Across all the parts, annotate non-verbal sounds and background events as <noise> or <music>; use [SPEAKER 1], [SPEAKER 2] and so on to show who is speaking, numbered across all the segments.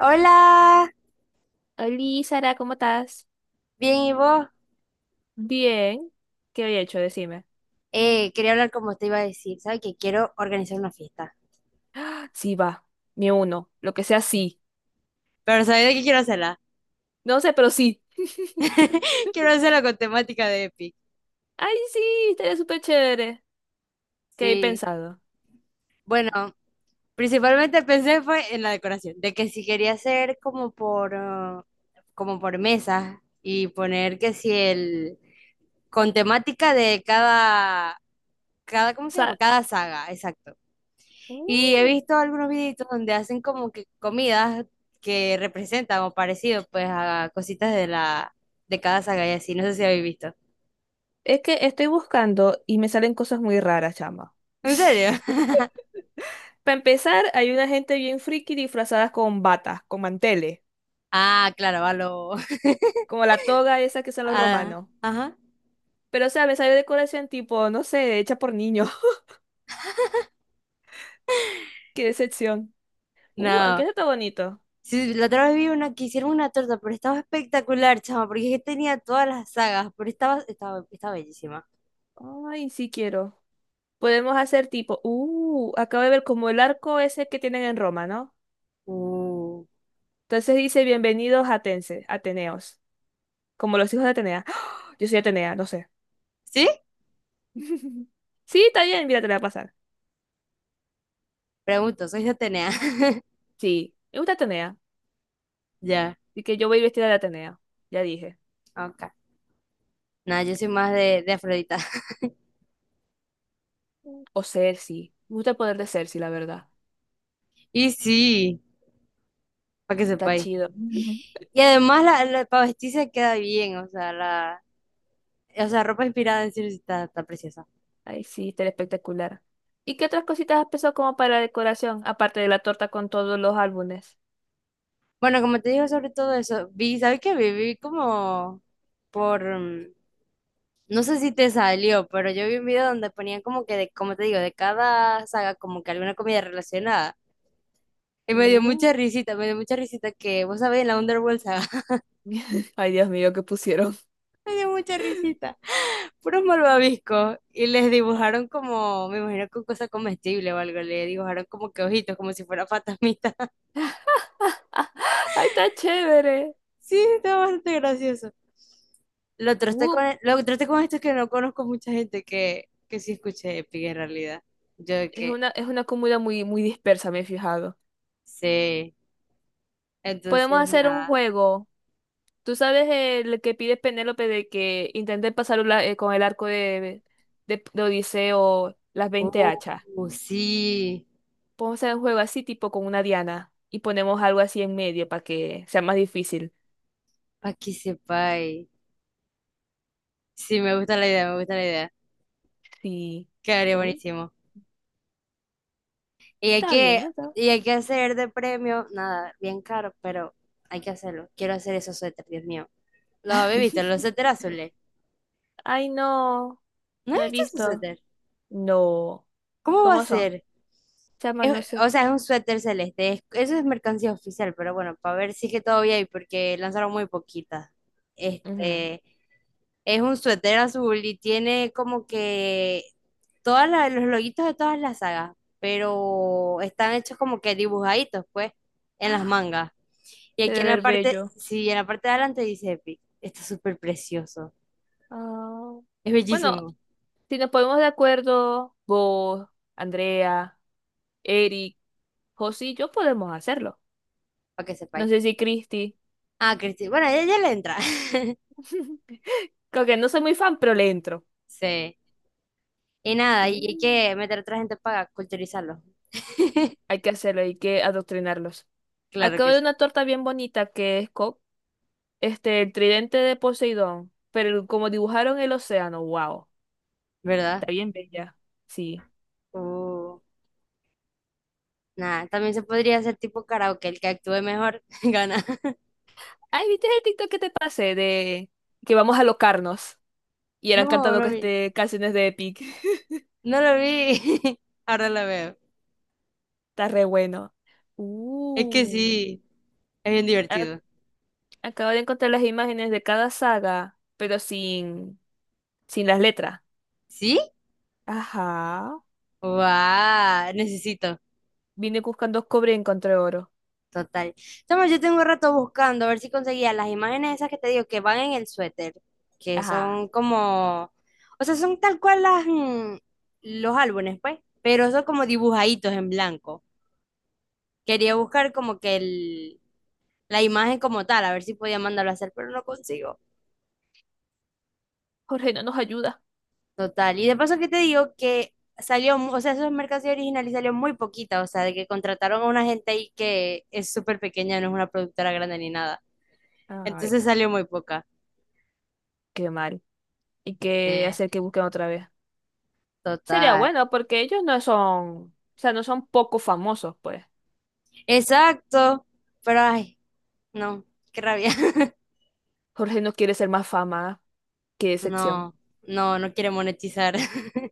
[SPEAKER 1] Hola,
[SPEAKER 2] Hola, Sara, ¿cómo estás?
[SPEAKER 1] bien, ¿y vos?
[SPEAKER 2] Bien, ¿qué había hecho? Decime.
[SPEAKER 1] Quería hablar como te iba a decir, ¿sabes? Que quiero organizar una fiesta.
[SPEAKER 2] Sí, va, me uno, lo que sea, sí.
[SPEAKER 1] Pero ¿sabes de qué quiero hacerla?
[SPEAKER 2] No sé, pero sí.
[SPEAKER 1] <laughs> Quiero hacerla con temática de Epic.
[SPEAKER 2] Ay, sí, estaría súper chévere. ¿Qué he
[SPEAKER 1] Sí,
[SPEAKER 2] pensado? O
[SPEAKER 1] bueno, principalmente pensé fue en la decoración, de que si quería hacer como por, como por mesas y poner que si el, con temática de cada, ¿cómo se llama?
[SPEAKER 2] sea,
[SPEAKER 1] Cada saga, exacto. Y he
[SPEAKER 2] mm,
[SPEAKER 1] visto algunos videitos donde hacen como que comidas que representan o parecido pues a cositas de la de cada saga y así, no sé si habéis visto.
[SPEAKER 2] es que estoy buscando y me salen cosas muy raras, chama.
[SPEAKER 1] ¿En serio? <laughs>
[SPEAKER 2] <laughs> Para empezar, hay una gente bien friki disfrazadas con batas, con manteles,
[SPEAKER 1] Ah, claro, a lo <laughs>
[SPEAKER 2] como la toga esa que son los
[SPEAKER 1] a-
[SPEAKER 2] romanos.
[SPEAKER 1] ajá.
[SPEAKER 2] Pero, o sea, me sale decoración tipo, no sé, hecha por niños. <laughs> Qué decepción. Aunque
[SPEAKER 1] No.
[SPEAKER 2] eso está bonito.
[SPEAKER 1] Sí, la otra vez vi una que hicieron una torta, pero estaba espectacular, chama, porque es que tenía todas las sagas, pero estaba bellísima.
[SPEAKER 2] Ay, sí quiero. Podemos hacer tipo, acabo de ver como el arco ese que tienen en Roma, ¿no?
[SPEAKER 1] Uh.
[SPEAKER 2] Entonces dice, bienvenidos Atense, Ateneos, como los hijos de Atenea. ¡Ah! Yo soy Atenea, no sé.
[SPEAKER 1] ¿Sí?
[SPEAKER 2] <laughs> Sí, está bien, mira, te la voy a pasar.
[SPEAKER 1] Pregunto, soy de Atenea. <laughs>
[SPEAKER 2] Sí, me gusta Atenea,
[SPEAKER 1] Ya,
[SPEAKER 2] y que yo voy vestida de Atenea, ya dije.
[SPEAKER 1] ok. Nada, yo soy más de Afrodita. <laughs>
[SPEAKER 2] O Cersei, me gusta el poder de Cersei, la verdad.
[SPEAKER 1] Y sí, para que
[SPEAKER 2] Está
[SPEAKER 1] sepáis.
[SPEAKER 2] chido. Ujú.
[SPEAKER 1] Y además para vestirse queda bien, o sea, ropa inspirada en sí está preciosa.
[SPEAKER 2] Ay, sí, está espectacular. ¿Y qué otras cositas has pensado como para la decoración, aparte de la torta con todos los álbumes?
[SPEAKER 1] Bueno, como te digo sobre todo eso, vi, ¿sabes qué? Vi como por, no sé si te salió, pero yo vi un video donde ponían como que, de, como te digo, de cada saga como que alguna comida relacionada. Y me dio
[SPEAKER 2] Uh.
[SPEAKER 1] mucha risita, me dio mucha risita que, vos sabés, la Underworld saga, <laughs>
[SPEAKER 2] <laughs> Ay, Dios mío, ¿qué pusieron?
[SPEAKER 1] me dio mucha risita. Puros malvaviscos y les dibujaron como, me imagino con cosa comestible o algo, le dibujaron como que ojitos, como si fuera <laughs> fantasmita.
[SPEAKER 2] <laughs> Ay, está chévere.
[SPEAKER 1] Sí, está bastante gracioso.
[SPEAKER 2] Uh,
[SPEAKER 1] Lo traté con esto que no conozco mucha gente que sí escuche Epic en realidad. Yo de
[SPEAKER 2] es
[SPEAKER 1] que
[SPEAKER 2] una, es una comuna muy, muy dispersa, me he fijado.
[SPEAKER 1] sí. Entonces,
[SPEAKER 2] Podemos hacer un
[SPEAKER 1] nada.
[SPEAKER 2] juego. Tú sabes el que pide Penélope de que intente pasar con el arco de Odiseo las 20
[SPEAKER 1] Uh,
[SPEAKER 2] hachas.
[SPEAKER 1] sí,
[SPEAKER 2] Podemos hacer un juego así, tipo con una diana. Y ponemos algo así en medio para que sea más difícil.
[SPEAKER 1] para que sepáis. Sí, me gusta la idea, me gusta la idea.
[SPEAKER 2] Sí.
[SPEAKER 1] Quedaría
[SPEAKER 2] Oh,
[SPEAKER 1] buenísimo. Y hay
[SPEAKER 2] está bien
[SPEAKER 1] que,
[SPEAKER 2] eso.
[SPEAKER 1] y hay que hacer de premio, nada, bien caro, pero hay que hacerlo. Quiero hacer esos suéteres, Dios mío. ¿Los habéis visto? Los
[SPEAKER 2] <laughs>
[SPEAKER 1] suéteres azules.
[SPEAKER 2] Ay, no.
[SPEAKER 1] ¿No
[SPEAKER 2] No
[SPEAKER 1] he
[SPEAKER 2] he
[SPEAKER 1] visto esos
[SPEAKER 2] visto.
[SPEAKER 1] suéteres?
[SPEAKER 2] No.
[SPEAKER 1] ¿Cómo va a
[SPEAKER 2] ¿Cómo son?
[SPEAKER 1] ser?
[SPEAKER 2] Chama, no sé.
[SPEAKER 1] O sea, es un suéter celeste. Eso es mercancía oficial, pero bueno, para ver si es que todavía hay, porque lanzaron muy poquitas.
[SPEAKER 2] Ujú.
[SPEAKER 1] Este, es un suéter azul y tiene como que todos los loguitos de todas las sagas, pero están hechos como que dibujaditos, pues, en las
[SPEAKER 2] <gasps>
[SPEAKER 1] mangas. Y
[SPEAKER 2] Se
[SPEAKER 1] aquí
[SPEAKER 2] debe
[SPEAKER 1] en la
[SPEAKER 2] ver
[SPEAKER 1] parte,
[SPEAKER 2] bello.
[SPEAKER 1] sí, en la parte de adelante dice Epic. Está súper precioso.
[SPEAKER 2] Ah,
[SPEAKER 1] Es
[SPEAKER 2] bueno,
[SPEAKER 1] bellísimo,
[SPEAKER 2] si nos ponemos de acuerdo, vos, Andrea, Eric, José y yo podemos hacerlo.
[SPEAKER 1] para que
[SPEAKER 2] No
[SPEAKER 1] sepáis.
[SPEAKER 2] sé si Cristi.
[SPEAKER 1] Ah, Cristi, bueno, ella ya le entra. <laughs>
[SPEAKER 2] <laughs> Creo que no soy muy fan, pero le entro.
[SPEAKER 1] Sí. Y nada, y hay
[SPEAKER 2] Mm.
[SPEAKER 1] que meter a otra gente para culturizarlo.
[SPEAKER 2] Hay que hacerlo, hay que adoctrinarlos.
[SPEAKER 1] Claro
[SPEAKER 2] Acabo
[SPEAKER 1] que
[SPEAKER 2] de
[SPEAKER 1] sí,
[SPEAKER 2] una torta bien bonita que es este, el tridente de Poseidón, pero como dibujaron el océano, wow,
[SPEAKER 1] ¿verdad?
[SPEAKER 2] está bien bella. Sí.
[SPEAKER 1] Uh, nada, también se podría hacer tipo karaoke, el que actúe mejor <laughs> gana.
[SPEAKER 2] Ay, ¿viste el TikTok que te pasé de que vamos a locarnos? Y eran
[SPEAKER 1] No,
[SPEAKER 2] cantando
[SPEAKER 1] no
[SPEAKER 2] que
[SPEAKER 1] vi,
[SPEAKER 2] este, canciones de Epic. <laughs>
[SPEAKER 1] no lo vi. <laughs> Ahora lo veo.
[SPEAKER 2] Está re bueno.
[SPEAKER 1] Es que
[SPEAKER 2] Uh,
[SPEAKER 1] sí, es bien
[SPEAKER 2] a-
[SPEAKER 1] divertido.
[SPEAKER 2] Acabo de encontrar las imágenes de cada saga, pero sin las letras.
[SPEAKER 1] ¿Sí?
[SPEAKER 2] Ajá.
[SPEAKER 1] ¡Wow! Necesito,
[SPEAKER 2] Vine buscando cobre y encontré oro.
[SPEAKER 1] total. Toma, yo tengo un rato buscando a ver si conseguía las imágenes esas que te digo que van en el suéter, que
[SPEAKER 2] Ajá.
[SPEAKER 1] son como, o sea, son tal cual las, los álbumes, pues, pero son como dibujaditos en blanco. Quería buscar como que el la imagen como tal, a ver si podía mandarlo a hacer, pero no consigo.
[SPEAKER 2] Jorge no nos ayuda.
[SPEAKER 1] Total. Y de paso que te digo que salió, o sea, esa mercancía original y salió muy poquita, o sea, de que contrataron a una gente ahí que es súper pequeña, no es una productora grande ni nada.
[SPEAKER 2] Ay,
[SPEAKER 1] Entonces salió muy poca.
[SPEAKER 2] qué mal. Hay
[SPEAKER 1] Sí,
[SPEAKER 2] que hacer que busquen otra vez. Sería
[SPEAKER 1] total.
[SPEAKER 2] bueno porque ellos no son, o sea, no son poco famosos, pues.
[SPEAKER 1] Exacto. Pero ay, no, qué rabia. <laughs>
[SPEAKER 2] Jorge no quiere ser más fama que decepción.
[SPEAKER 1] No, no, no quiere monetizar. <laughs>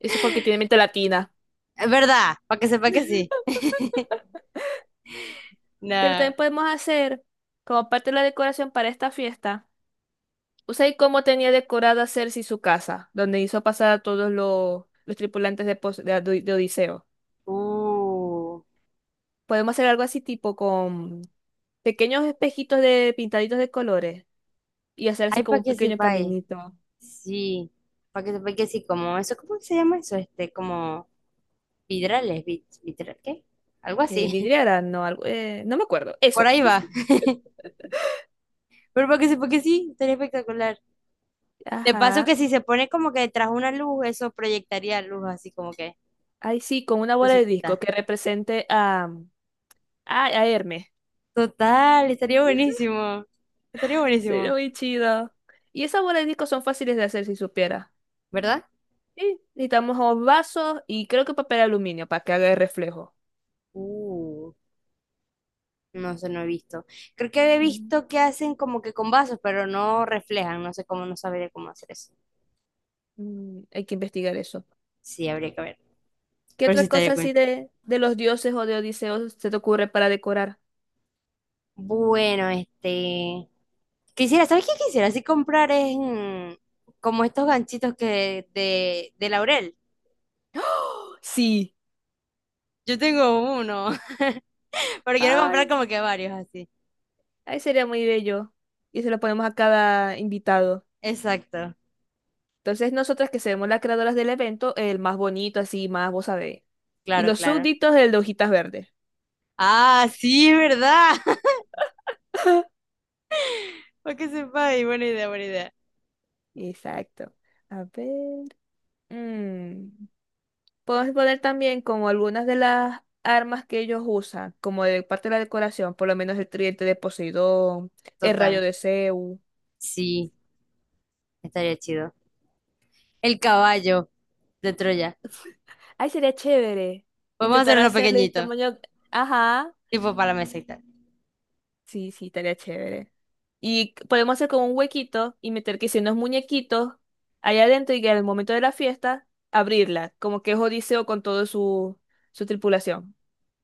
[SPEAKER 2] Eso es porque tiene mente latina.
[SPEAKER 1] Es verdad, para que sepa que sí.
[SPEAKER 2] Pero
[SPEAKER 1] No.
[SPEAKER 2] también podemos hacer, como parte de la decoración para esta fiesta, Usai cómo tenía decorada Cersei su casa, donde hizo pasar a todos los tripulantes de, Pos- de Ado- de Odiseo.
[SPEAKER 1] Uh.
[SPEAKER 2] Podemos hacer algo así tipo con pequeños espejitos de pintaditos de colores y hacer así
[SPEAKER 1] Ay,
[SPEAKER 2] como
[SPEAKER 1] para
[SPEAKER 2] un
[SPEAKER 1] que
[SPEAKER 2] pequeño
[SPEAKER 1] sepa.
[SPEAKER 2] caminito.
[SPEAKER 1] Sí, porque sí, como eso, ¿cómo se llama eso? Este, como vidrales, vitral, ¿qué? Algo así.
[SPEAKER 2] Vidriera, no, algo, no me acuerdo.
[SPEAKER 1] <laughs> Por
[SPEAKER 2] Eso.
[SPEAKER 1] ahí va. Pero porque sí, estaría espectacular. De paso
[SPEAKER 2] Ajá.
[SPEAKER 1] que si se pone como que tras una luz, eso proyectaría luz así como que
[SPEAKER 2] Ahí sí, con una bola de disco
[SPEAKER 1] necesita.
[SPEAKER 2] que represente a, a Hermes.
[SPEAKER 1] Total, estaría buenísimo. Estaría
[SPEAKER 2] <laughs> Sería
[SPEAKER 1] buenísimo,
[SPEAKER 2] muy chido. Y esas bolas de disco son fáciles de hacer si supiera.
[SPEAKER 1] ¿verdad?
[SPEAKER 2] Sí, necesitamos o vasos y creo que papel aluminio para que haga el reflejo.
[SPEAKER 1] Uh, no sé, no he visto. Creo que he
[SPEAKER 2] Mm,
[SPEAKER 1] visto que hacen como que con vasos, pero no reflejan. No sé cómo, no sabría cómo hacer eso.
[SPEAKER 2] Hay que investigar eso.
[SPEAKER 1] Sí, habría que ver.
[SPEAKER 2] ¿Qué
[SPEAKER 1] Pero sí
[SPEAKER 2] otra
[SPEAKER 1] estaría
[SPEAKER 2] cosa así
[SPEAKER 1] cool.
[SPEAKER 2] de los dioses o de Odiseo se te ocurre para decorar?
[SPEAKER 1] Bueno, este... Quisiera, ¿sabes qué quisiera? Así comprar es como estos ganchitos que de laurel.
[SPEAKER 2] Sí.
[SPEAKER 1] Yo tengo uno, <laughs> pero quiero comprar
[SPEAKER 2] Ay,
[SPEAKER 1] como que varios así.
[SPEAKER 2] ahí sería muy bello. Y se lo ponemos a cada invitado.
[SPEAKER 1] Exacto,
[SPEAKER 2] Entonces nosotras que seremos las creadoras del evento, el más bonito, así más, vos sabés. Y
[SPEAKER 1] claro,
[SPEAKER 2] los
[SPEAKER 1] claro.
[SPEAKER 2] súbditos, el de hojitas verdes.
[SPEAKER 1] Ah, sí, ¿verdad? <laughs> Para que sepa, ahí, buena idea, buena idea.
[SPEAKER 2] Exacto. A ver. mm, Podemos poner también como algunas de las armas que ellos usan, como de parte de la decoración, por lo menos el tridente de Poseidón, el rayo
[SPEAKER 1] Total,
[SPEAKER 2] de Zeus.
[SPEAKER 1] sí, estaría chido. El caballo de Troya.
[SPEAKER 2] Ay, sería chévere.
[SPEAKER 1] Vamos a hacer
[SPEAKER 2] Intentar
[SPEAKER 1] uno
[SPEAKER 2] hacerle el
[SPEAKER 1] pequeñito,
[SPEAKER 2] tamaño. Ajá.
[SPEAKER 1] tipo para la mesa y tal.
[SPEAKER 2] Sí, sí, estaría chévere. Y podemos hacer como un huequito y meter que si unos muñequitos allá adentro y que al momento de la fiesta abrirla, como que es Odiseo con toda su tripulación.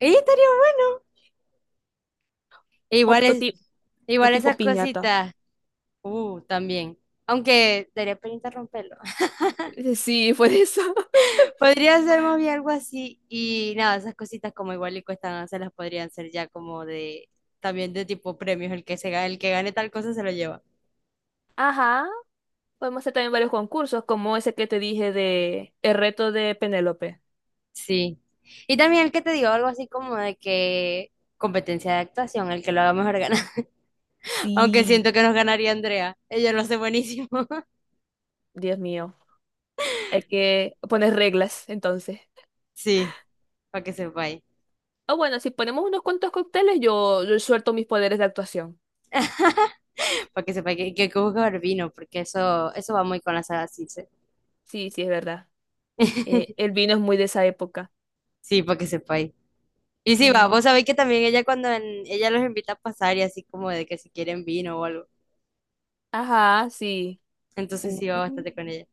[SPEAKER 1] ¡Ey, estaría bueno! E
[SPEAKER 2] O,
[SPEAKER 1] igual
[SPEAKER 2] o
[SPEAKER 1] es,
[SPEAKER 2] ti- o
[SPEAKER 1] igual
[SPEAKER 2] tipo
[SPEAKER 1] esas
[SPEAKER 2] piñata.
[SPEAKER 1] cositas. También. Aunque daría penita romperlo.
[SPEAKER 2] <laughs> Sí, fue eso.
[SPEAKER 1] <laughs> Podría ser más bien algo así. Y nada, esas cositas como igual y cuestan, se las podrían ser ya como de, también de tipo premios. El que se gane, el que gane tal cosa se lo lleva.
[SPEAKER 2] <laughs> Ajá. Podemos hacer también varios concursos, como ese que te dije de el reto de Penélope.
[SPEAKER 1] Sí. Y también el que te digo algo así como de que competencia de actuación, el que lo haga mejor gana. <laughs> Aunque
[SPEAKER 2] Sí,
[SPEAKER 1] siento que nos ganaría Andrea. Ella lo hace buenísimo. <laughs>
[SPEAKER 2] Dios mío. Hay que poner reglas, entonces.
[SPEAKER 1] Sí, para que sepáis.
[SPEAKER 2] O bueno, si ponemos unos cuantos cócteles, yo suelto mis poderes de actuación.
[SPEAKER 1] Para que sepáis que hay que buscar vino, porque eso va muy con la saga Circe.
[SPEAKER 2] Sí, sí, es verdad. El
[SPEAKER 1] <laughs>
[SPEAKER 2] vino es muy de esa época.
[SPEAKER 1] Sí, para que sepáis. Y sí, va,
[SPEAKER 2] Mm.
[SPEAKER 1] vos sabéis que también ella ella los invita a pasar y así como de que si quieren vino o algo.
[SPEAKER 2] Ajá, sí.
[SPEAKER 1] Entonces
[SPEAKER 2] Uh,
[SPEAKER 1] sí va
[SPEAKER 2] uh.
[SPEAKER 1] bastante con ella.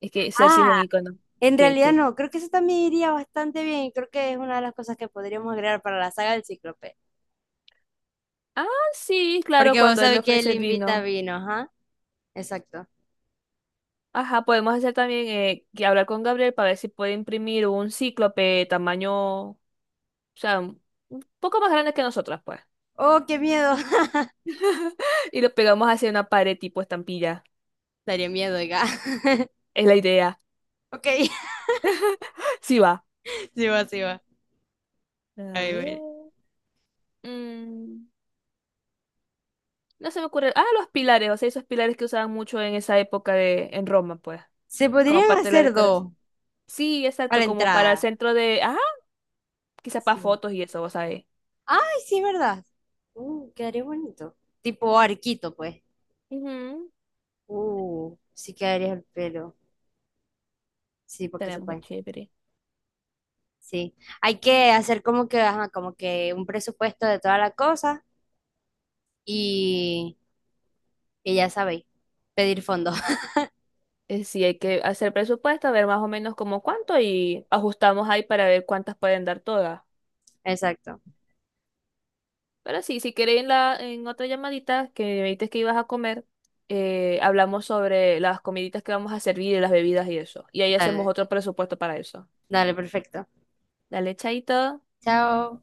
[SPEAKER 2] Es que Cersei es un
[SPEAKER 1] Ah,
[SPEAKER 2] ícono.
[SPEAKER 1] en
[SPEAKER 2] ¿Qué,
[SPEAKER 1] realidad
[SPEAKER 2] qué?
[SPEAKER 1] no, creo que eso también iría bastante bien y creo que es una de las cosas que podríamos agregar para la saga del Cíclope.
[SPEAKER 2] Ah, sí, claro,
[SPEAKER 1] Porque vos
[SPEAKER 2] cuando él le
[SPEAKER 1] sabéis que él
[SPEAKER 2] ofrece el
[SPEAKER 1] invita
[SPEAKER 2] vino.
[SPEAKER 1] vino, ajá, exacto.
[SPEAKER 2] Ajá, podemos hacer también que hablar con Gabriel para ver si puede imprimir un cíclope tamaño. O sea, un poco más grandes que nosotras, pues.
[SPEAKER 1] Oh, qué miedo. <laughs>
[SPEAKER 2] <laughs> Y lo pegamos hacia una pared tipo estampilla.
[SPEAKER 1] Daría miedo, oiga. <laughs>
[SPEAKER 2] Es la idea.
[SPEAKER 1] Ok,
[SPEAKER 2] Sí va.
[SPEAKER 1] <laughs> sí va, sí va.
[SPEAKER 2] A
[SPEAKER 1] Ahí bueno.
[SPEAKER 2] ver. mm, no se me ocurre. Ah, los pilares. O sea, esos pilares que usaban mucho en esa época en Roma, pues.
[SPEAKER 1] Se
[SPEAKER 2] Como
[SPEAKER 1] podrían
[SPEAKER 2] parte de la
[SPEAKER 1] hacer
[SPEAKER 2] decoración.
[SPEAKER 1] dos
[SPEAKER 2] Sí,
[SPEAKER 1] a
[SPEAKER 2] exacto.
[SPEAKER 1] la
[SPEAKER 2] Como para el
[SPEAKER 1] entrada.
[SPEAKER 2] centro de. Ah, quizás para
[SPEAKER 1] Sí.
[SPEAKER 2] fotos y eso, vos sabés.
[SPEAKER 1] Ay, sí, ¿verdad? Quedaría bonito. Tipo arquito, pues.
[SPEAKER 2] Ujú,
[SPEAKER 1] Sí quedaría el pelo. Sí, porque
[SPEAKER 2] estaría
[SPEAKER 1] se
[SPEAKER 2] muy
[SPEAKER 1] puede.
[SPEAKER 2] chévere.
[SPEAKER 1] Sí. Hay que hacer como que, ajá, como que un presupuesto de toda la cosa y, y ya sabéis, pedir fondos. <laughs>
[SPEAKER 2] Sí, hay que hacer presupuesto, a ver más o menos como cuánto y ajustamos ahí para ver cuántas pueden dar todas.
[SPEAKER 1] Exacto.
[SPEAKER 2] Pero sí, si queréis en otra llamadita que me dijiste que ibas a comer, hablamos sobre las comiditas que vamos a servir y las bebidas y eso. Y ahí hacemos
[SPEAKER 1] Dale,
[SPEAKER 2] otro presupuesto para eso.
[SPEAKER 1] dale, perfecto.
[SPEAKER 2] Dale, chaito.
[SPEAKER 1] Chao.